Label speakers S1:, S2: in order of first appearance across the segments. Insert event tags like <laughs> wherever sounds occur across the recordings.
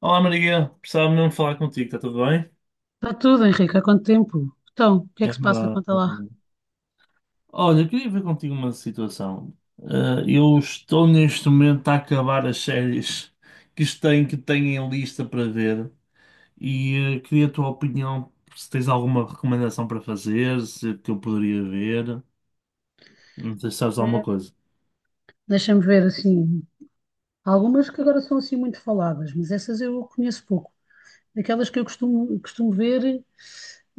S1: Olá Maria, precisava mesmo falar contigo, está tudo bem?
S2: Está tudo, Henrique. Há quanto tempo? Então, o que é que
S1: É
S2: se passa?
S1: verdade,
S2: Conta
S1: está
S2: lá.
S1: bom. Olha, eu queria ver contigo uma situação. Eu estou neste momento a acabar as séries que têm em lista para ver e queria a tua opinião, se tens alguma recomendação para fazer, se que eu poderia ver, não sei se sabes alguma
S2: É,
S1: coisa.
S2: deixa-me ver, assim, há algumas que agora são assim muito faladas, mas essas eu conheço pouco. Aquelas que eu costumo ver,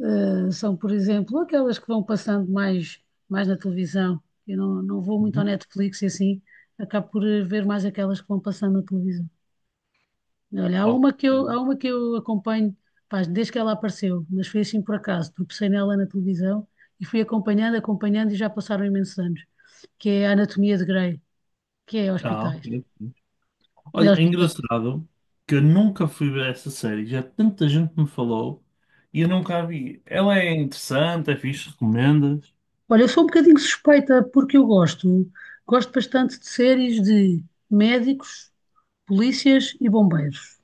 S2: são, por exemplo, aquelas que vão passando mais na televisão. Eu não vou muito ao
S1: Não?
S2: Netflix e assim, acabo por ver mais aquelas que vão passando na televisão. Olha, há
S1: Ok.
S2: uma que eu, há uma que eu acompanho, pá, desde que ela apareceu, mas foi assim por acaso, tropecei nela na televisão e fui acompanhando, acompanhando e já passaram imensos anos, que é a Anatomia de Grey, que é
S1: Ah,
S2: hospitais.
S1: ok.
S2: É
S1: Olha, é
S2: hospitais.
S1: engraçado que eu nunca fui ver essa série. Já tanta gente me falou e eu nunca a vi. Ela é interessante, é fixe, recomendas?
S2: Olha, eu sou um bocadinho suspeita porque eu gosto bastante de séries de médicos, polícias e bombeiros.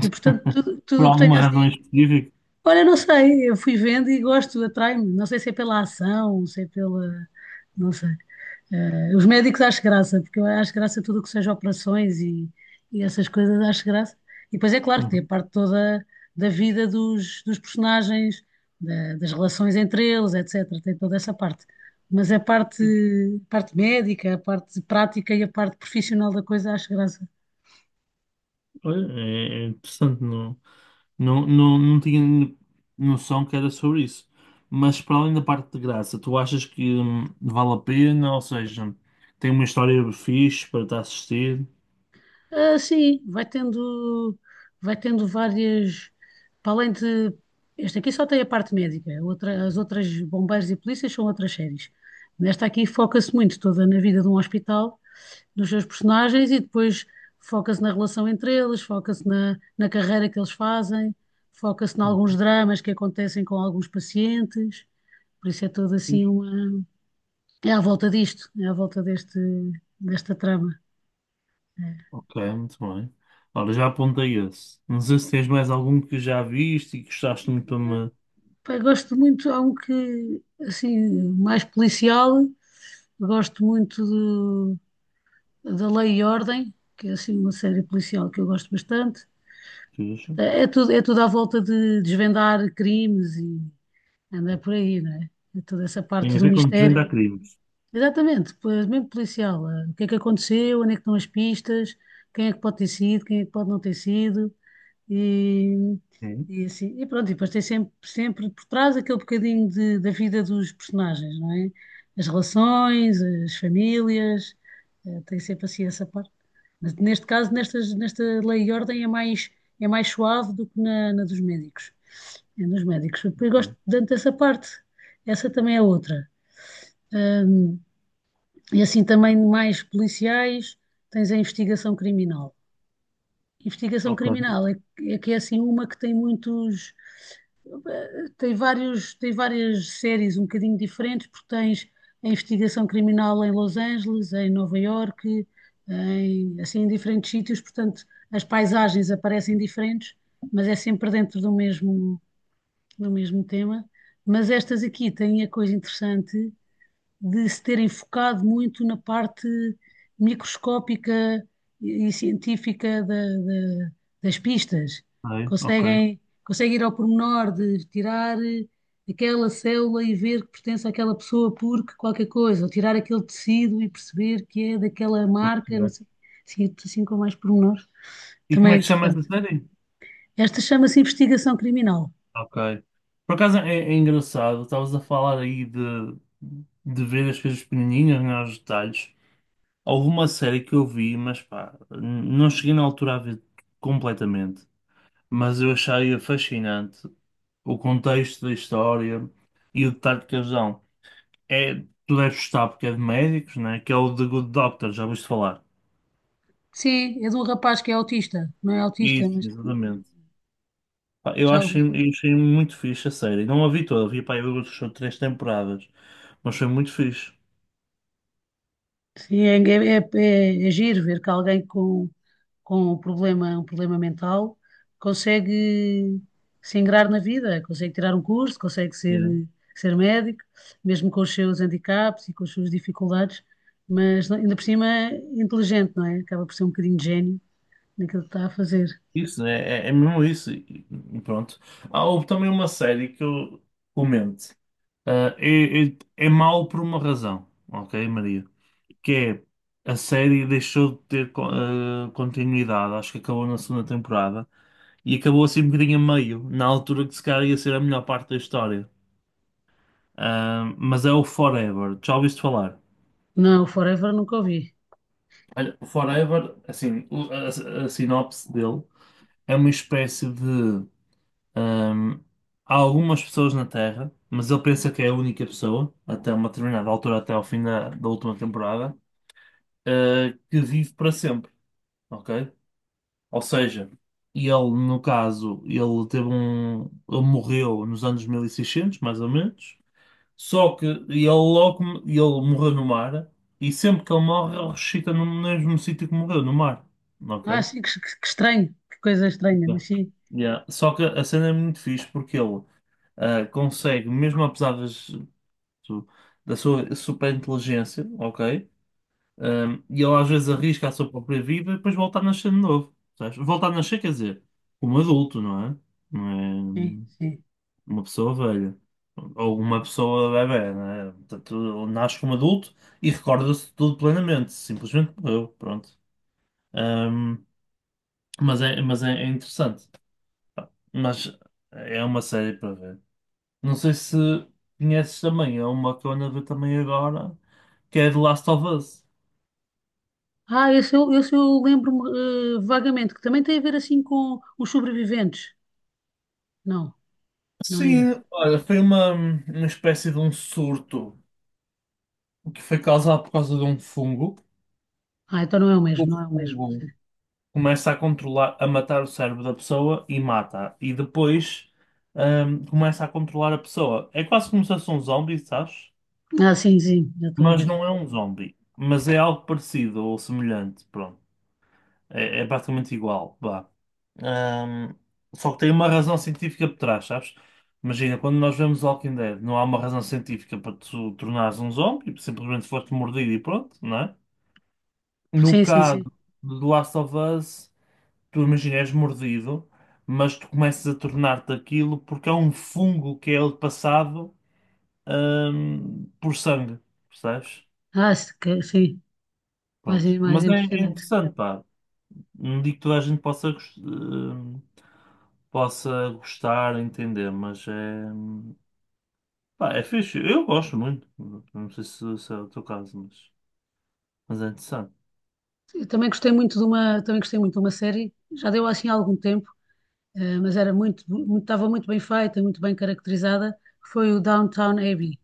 S2: E portanto, tudo,
S1: Por
S2: tudo o que tenho
S1: alguma razão
S2: assim.
S1: específica?
S2: Olha, não sei, eu fui vendo e gosto, atrai-me. Não sei se é pela ação, se é pela. Não sei. Os médicos acho graça, porque eu acho graça tudo o que seja operações e essas coisas, acho graça. E depois é claro que tem a
S1: Uhum.
S2: parte toda da vida dos personagens, das relações entre eles, etc. Tem toda essa parte. Mas a parte médica, a parte prática e a parte profissional da coisa acho graça.
S1: Olha, é interessante, não tinha noção que era sobre isso. Mas para além da parte de graça, tu achas que vale a pena? Ou seja, tem uma história fixe para te assistir?
S2: Ah, sim, vai tendo várias. Para além de. Este aqui só tem a parte médica, as outras bombeiros e polícias são outras séries. Nesta aqui foca-se muito toda na vida de um hospital, nos seus personagens e depois foca-se na relação entre eles, foca-se na carreira que eles fazem, foca-se em alguns dramas que acontecem com alguns pacientes. Por isso é toda assim uma. É à volta disto, é à volta deste, desta trama. É.
S1: Ok, muito bem. Ora, já apontei esse. Não sei se tens mais algum que já viste e que gostaste muito para me.
S2: Pá, gosto muito, há um que, assim, mais policial, gosto muito da Lei e Ordem, que é assim uma série policial que eu gosto bastante.
S1: Veja.
S2: É tudo à volta de desvendar crimes e andar por aí, não é? É toda essa
S1: Tem
S2: parte
S1: a
S2: do
S1: ver com
S2: mistério.
S1: desvendar, hum, crimes.
S2: Exatamente, pois, mesmo policial. O que é que aconteceu, onde é que estão as pistas, quem é que pode ter sido, quem é que pode não ter sido. E,
S1: É?
S2: e assim, e pronto, e depois tem sempre por trás aquele bocadinho da vida dos personagens, não é? As relações, as famílias, tem sempre assim essa parte. Mas neste caso, nesta Lei e Ordem é mais, suave do que na dos médicos. É dos médicos. Depois gosto tanto dessa parte. Essa também é outra. Ahm, e assim também mais policiais, tens a investigação criminal. Investigação
S1: Ok,
S2: criminal é que é assim uma que tem muitos, tem várias séries um bocadinho diferentes, porque tens a investigação criminal em Los Angeles, em Nova Iorque, assim em diferentes sítios, portanto as paisagens aparecem diferentes, mas é sempre dentro do mesmo tema. Mas estas aqui têm a coisa interessante de se terem focado muito na parte microscópica e científica das pistas.
S1: ok.
S2: Conseguem ir ao pormenor de tirar aquela célula e ver que pertence àquela pessoa porque qualquer coisa, ou tirar aquele tecido e perceber que é daquela marca, não
S1: Percebi.
S2: sei, assim com mais pormenores.
S1: E como
S2: Também é
S1: é que chama essa
S2: interessante.
S1: série?
S2: Esta chama-se investigação criminal.
S1: Ok. Por acaso é engraçado, estavas a falar aí de ver as coisas pequenininhas, né, os detalhes. Houve uma série que eu vi, mas pá, não cheguei na altura a ver completamente. Mas eu achei fascinante o contexto da história e o detalhe de casão. É, tu deves gostar porque é de médicos, né? Que é o The Good Doctor, já ouviste falar?
S2: Sim, é de um rapaz que é autista. Não é autista,
S1: Isso,
S2: mas
S1: exatamente. Pá,
S2: já ouvi.
S1: eu achei muito fixe a série. Não a vi toda, vi pá, eu acho 3 temporadas, mas foi muito fixe.
S2: Sim, é giro ver que alguém com um problema mental consegue se ingrar na vida, consegue tirar um curso, consegue ser,
S1: Yeah.
S2: ser médico, mesmo com os seus handicaps e com as suas dificuldades, mas ainda por cima é inteligente, não é? Acaba por ser um bocadinho de gênio naquilo que está a fazer.
S1: Isso, é mesmo isso. E pronto. Há houve também uma série que eu comento. Ah, é mau por uma razão, ok, Maria? Que é a série deixou de ter continuidade, acho que acabou na segunda temporada e acabou assim um bocadinho a meio, na altura que se calhar ia ser a melhor parte da história. Ah, mas é o Forever, já ouviste falar?
S2: Não, o Forever nunca ouvi.
S1: Olha, o Forever, assim, a sinopse dele é uma espécie de. ahm, Há algumas pessoas na Terra, mas ele pensa que é a única pessoa, até uma determinada altura, até ao fim da última temporada, ah, que vive para sempre, ok? Ou seja, ele, no caso, ele teve um. Ele morreu nos anos 1600 mais ou menos. Só que ele logo. Ele morreu no mar. E sempre que ele morre, ele ressuscita no mesmo sítio que morreu, no mar.
S2: Ah,
S1: Ok?
S2: sim, que estranho, que coisa estranha,
S1: Yeah.
S2: mas sim,
S1: Yeah. Só que a cena é muito fixe porque ele ah, consegue, mesmo apesar do- da sua super inteligência, ok? Um, e ele às vezes arrisca a sua própria vida e depois volta a nascer de novo. Sabes? Volta a nascer, quer dizer, como adulto, não é?
S2: sim,
S1: Não é
S2: sim.
S1: uma pessoa velha. Ou uma pessoa bebé, não é? Portanto, ele nasce como adulto e recorda-se de tudo plenamente. Simplesmente morreu, pronto. Um, é interessante. Mas é uma série para ver. Não sei se conheces também, é uma que eu ando a ver também agora, que é The Last of Us.
S2: Ah, esse eu lembro-me vagamente, que também tem a ver assim com os sobreviventes. Não, não é esse.
S1: Sim, olha, foi uma espécie de um surto que foi causado por causa de um fungo.
S2: Ah, então não é o
S1: O
S2: mesmo, não é o mesmo. Sim.
S1: fungo começa a controlar, a matar o cérebro da pessoa e mata. E depois, começa a controlar a pessoa. É quase como se fosse um zombie, sabes?
S2: Ah, sim, sim, já estou a
S1: Mas
S2: ver.
S1: não é um zombie. Mas é algo parecido ou semelhante. Pronto. É, é praticamente igual, vá. Ahm, Só que tem uma razão científica por trás, sabes? Imagina, quando nós vemos Walking Dead, não há uma razão científica para tu tornares um zombie, simplesmente foste mordido e pronto, não é? No
S2: Sim, sim,
S1: caso
S2: sim.
S1: do Last of Us, tu imagina, és mordido, mas tu começas a tornar-te aquilo porque é um fungo que é ele passado, por sangue, percebes?
S2: Ah, se ca- sim, mais,
S1: Pronto.
S2: mais
S1: É
S2: impressionante.
S1: interessante, pá. Não digo que toda a gente possa gostar, entender, mas é. Pá, é fixe. Eu gosto muito. Não sei se é o teu caso, mas é interessante.
S2: Eu também gostei muito de uma série, já deu assim há algum tempo, mas era estava muito bem feita, muito bem caracterizada, foi o Downtown Abbey.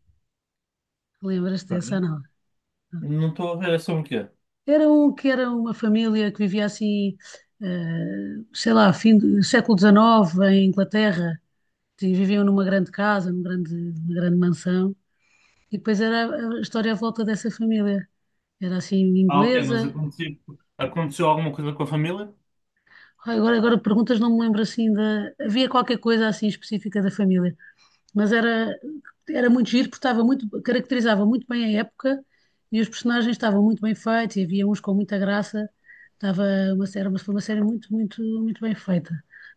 S2: Lembras-te
S1: Ok.
S2: dessa, não?
S1: Não estou a ver, é sobre o quê?
S2: Era um que era uma família que vivia assim, sei lá, fim do século XIX em Inglaterra, e viviam numa grande casa, numa grande mansão, e depois era a história à volta dessa família. Era assim,
S1: Ah, ok, mas
S2: inglesa.
S1: aconteceu, Aconteceu alguma coisa com a família?
S2: Ai, Agora perguntas, não me lembro assim da. Havia qualquer coisa assim específica da família. Mas era muito giro, porque caracterizava muito bem a época e os personagens estavam muito bem feitos e havia uns com muita graça. Estava mas foi uma série muito, muito, muito bem feita.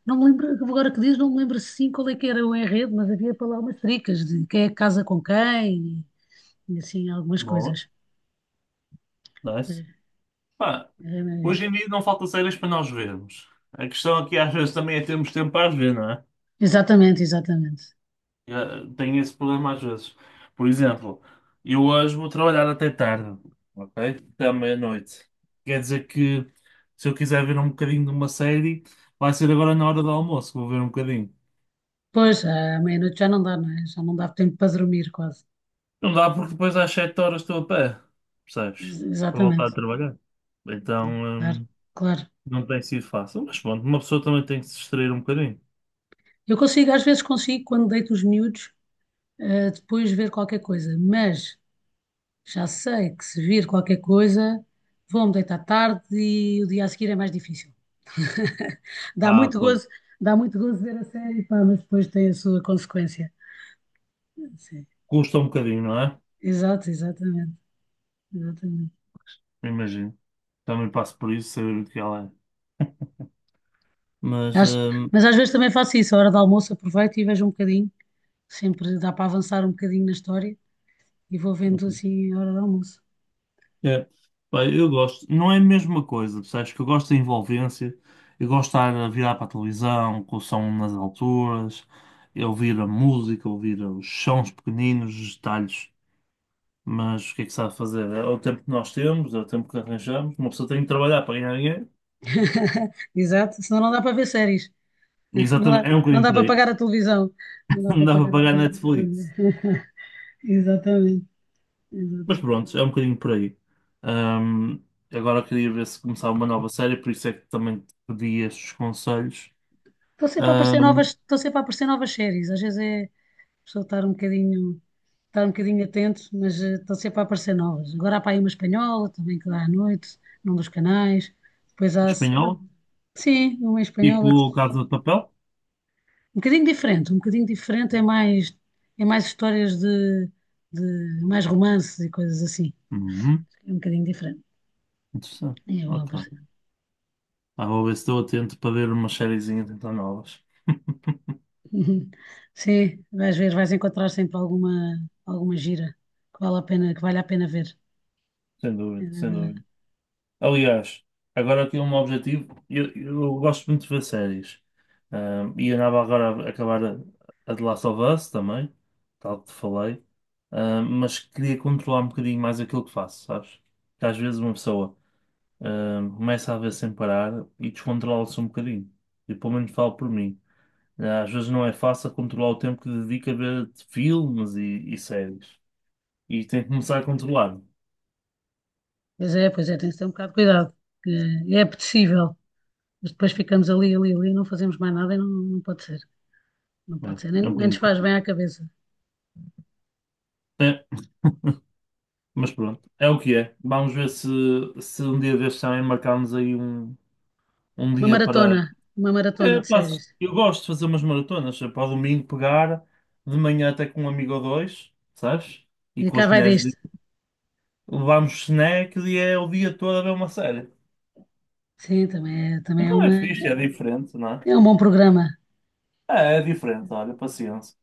S2: Não me lembro, agora que diz, não me lembro sim qual é que era o enredo, mas havia para lá umas tricas de quem é que casa com quem e assim algumas
S1: Boa,
S2: coisas.
S1: nice.
S2: É,
S1: Pá,
S2: é,
S1: hoje em
S2: é.
S1: dia não falta séries para nós vermos. A questão aqui às vezes também é termos tempo para as ver, não é?
S2: Exatamente, exatamente.
S1: Tenho esse problema às vezes. Por exemplo, eu hoje vou trabalhar até tarde, ok? Até à meia-noite. Quer dizer que se eu quiser ver um bocadinho de uma série, vai ser agora na hora do almoço que vou ver um bocadinho.
S2: Pois, à meia-noite já não dá, não é? Já não dá tempo para dormir quase.
S1: Não dá porque depois às 7 horas estou a pé, percebes? Para voltar
S2: Exatamente.
S1: a trabalhar.
S2: É,
S1: Então,
S2: claro, claro.
S1: não tem sido fácil. Mas pronto, uma pessoa também tem que se distrair um bocadinho.
S2: Eu consigo, às vezes consigo, quando deito os miúdos, depois ver qualquer coisa, mas já sei que se vir qualquer coisa, vou-me deitar tarde e o dia a seguir é mais difícil. <laughs> Dá
S1: Ah,
S2: muito
S1: pois.
S2: gozo, dá muito gozo ver a série, pá, mas depois tem a sua consequência. Sim.
S1: Custa um bocadinho, não é?
S2: Exato, exatamente, exatamente.
S1: Imagino. Também passo por isso, saber o que ela é. Mas,
S2: Acho- mas às vezes também faço isso, a hora do almoço aproveito e vejo um bocadinho, sempre dá para avançar um bocadinho na história e vou vendo assim a hora do almoço.
S1: é, pá, eu gosto, não é a mesma coisa, sabes que eu gosto da envolvência, eu gosto de estar a virar para a televisão, com o som nas alturas, eu ouvir a música, ouvir os sons pequeninos, os detalhes, mas o que é que se há de fazer? É o tempo que nós temos, é o tempo que arranjamos, uma pessoa tem que trabalhar para ganhar dinheiro.
S2: <laughs> Exato, senão não dá para ver séries. Não
S1: Exatamente,
S2: dá,
S1: é um
S2: não
S1: bocadinho
S2: dá
S1: por
S2: para
S1: aí,
S2: pagar a televisão. Não
S1: <laughs>
S2: dá
S1: não
S2: para
S1: dá para
S2: pagar a
S1: pagar
S2: televisão.
S1: Netflix,
S2: <laughs> Exatamente.
S1: mas
S2: Exatamente.
S1: pronto, é um bocadinho por aí. Ahm, Agora queria ver se começava uma nova série, por isso é que também te pedi estes conselhos.
S2: Estão sempre a aparecer novas, estão sempre a aparecer novas séries. Às vezes é a pessoa estar um bocadinho atento, mas estão sempre a aparecer novas. Agora há para aí uma espanhola também que dá à noite, num dos canais. Depois há, pronto,
S1: Espanhol?
S2: sim, uma espanhola que,
S1: Tipo Casa de Papel?
S2: um bocadinho diferente é mais, histórias de mais romances e coisas assim.
S1: Uhum.
S2: É um bocadinho diferente.
S1: Interessante.
S2: É bom.
S1: Ok. Ah, vou ver se estou atento para ver umas sériezinhas então novas.
S2: Uhum. Sim, vais encontrar sempre alguma gira que vale a pena, que vale a pena ver.
S1: Sem
S2: É, é,
S1: dúvida, sem dúvida.
S2: é.
S1: Aliás, agora aqui um objetivo. Eu gosto muito de ver séries. Ah, e andava agora a acabar a The Last of Us também, tal que te falei. Ah, mas queria controlar um bocadinho mais aquilo que faço, sabes? Porque às vezes uma pessoa ah, começa a ver sem parar e descontrola-se um bocadinho. E pelo menos falo por mim. Às vezes não é fácil controlar o tempo que dedica a ver filmes e séries. E tem que começar a controlar.
S2: Pois é, pois é, tem que ter um bocado de cuidado, que é apetecível, mas depois ficamos ali, ali, ali, não fazemos mais nada e não pode ser, não
S1: Né?
S2: pode ser, nem,
S1: É, um
S2: nem nos
S1: bocadinho
S2: faz
S1: curtido.
S2: bem à cabeça.
S1: É, mas pronto, é o que é. Vamos ver se um dia destes também marcamos um
S2: Uma
S1: dia para.
S2: maratona, uma maratona
S1: É,
S2: de
S1: pá,
S2: séries.
S1: eu gosto de fazer umas maratonas. É para o domingo pegar, de manhã até com um amigo ou dois, sabes? E
S2: E
S1: com
S2: cá
S1: as
S2: vai
S1: mulheres
S2: disto.
S1: de... levamos snacks e é o dia todo a ver uma série.
S2: Sim, também é
S1: Não
S2: uma,
S1: é fixe, é diferente, não é?
S2: é um bom programa.
S1: É, é diferente, olha, paciência.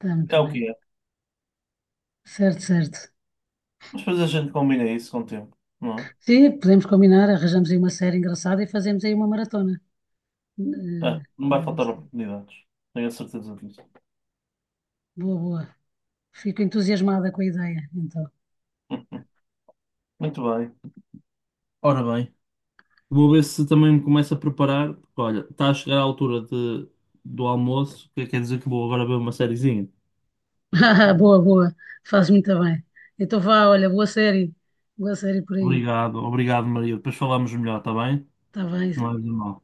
S2: Está muito
S1: É o
S2: bem.
S1: que é.
S2: Certo, certo.
S1: Mas depois a gente combina isso com o tempo, não
S2: Sim, podemos combinar, arranjamos aí uma série engraçada e fazemos aí uma maratona.
S1: é? É, não vai faltar
S2: Eh,
S1: oportunidades. Tenho a certeza disso.
S2: Boa, boa. Fico entusiasmada com a ideia, então.
S1: <laughs> Muito bem. Ora bem, vou ver se também me começo a preparar. Porque, olha, está a chegar a altura de, do almoço, que quer dizer que vou agora ver uma sériezinha.
S2: <laughs> Boa, boa. Faz muito bem. Então vá, olha, boa série. Boa série por aí.
S1: Obrigado, obrigado, Maria. Depois falamos melhor, está bem?
S2: Está
S1: Não é
S2: bem.
S1: de mal.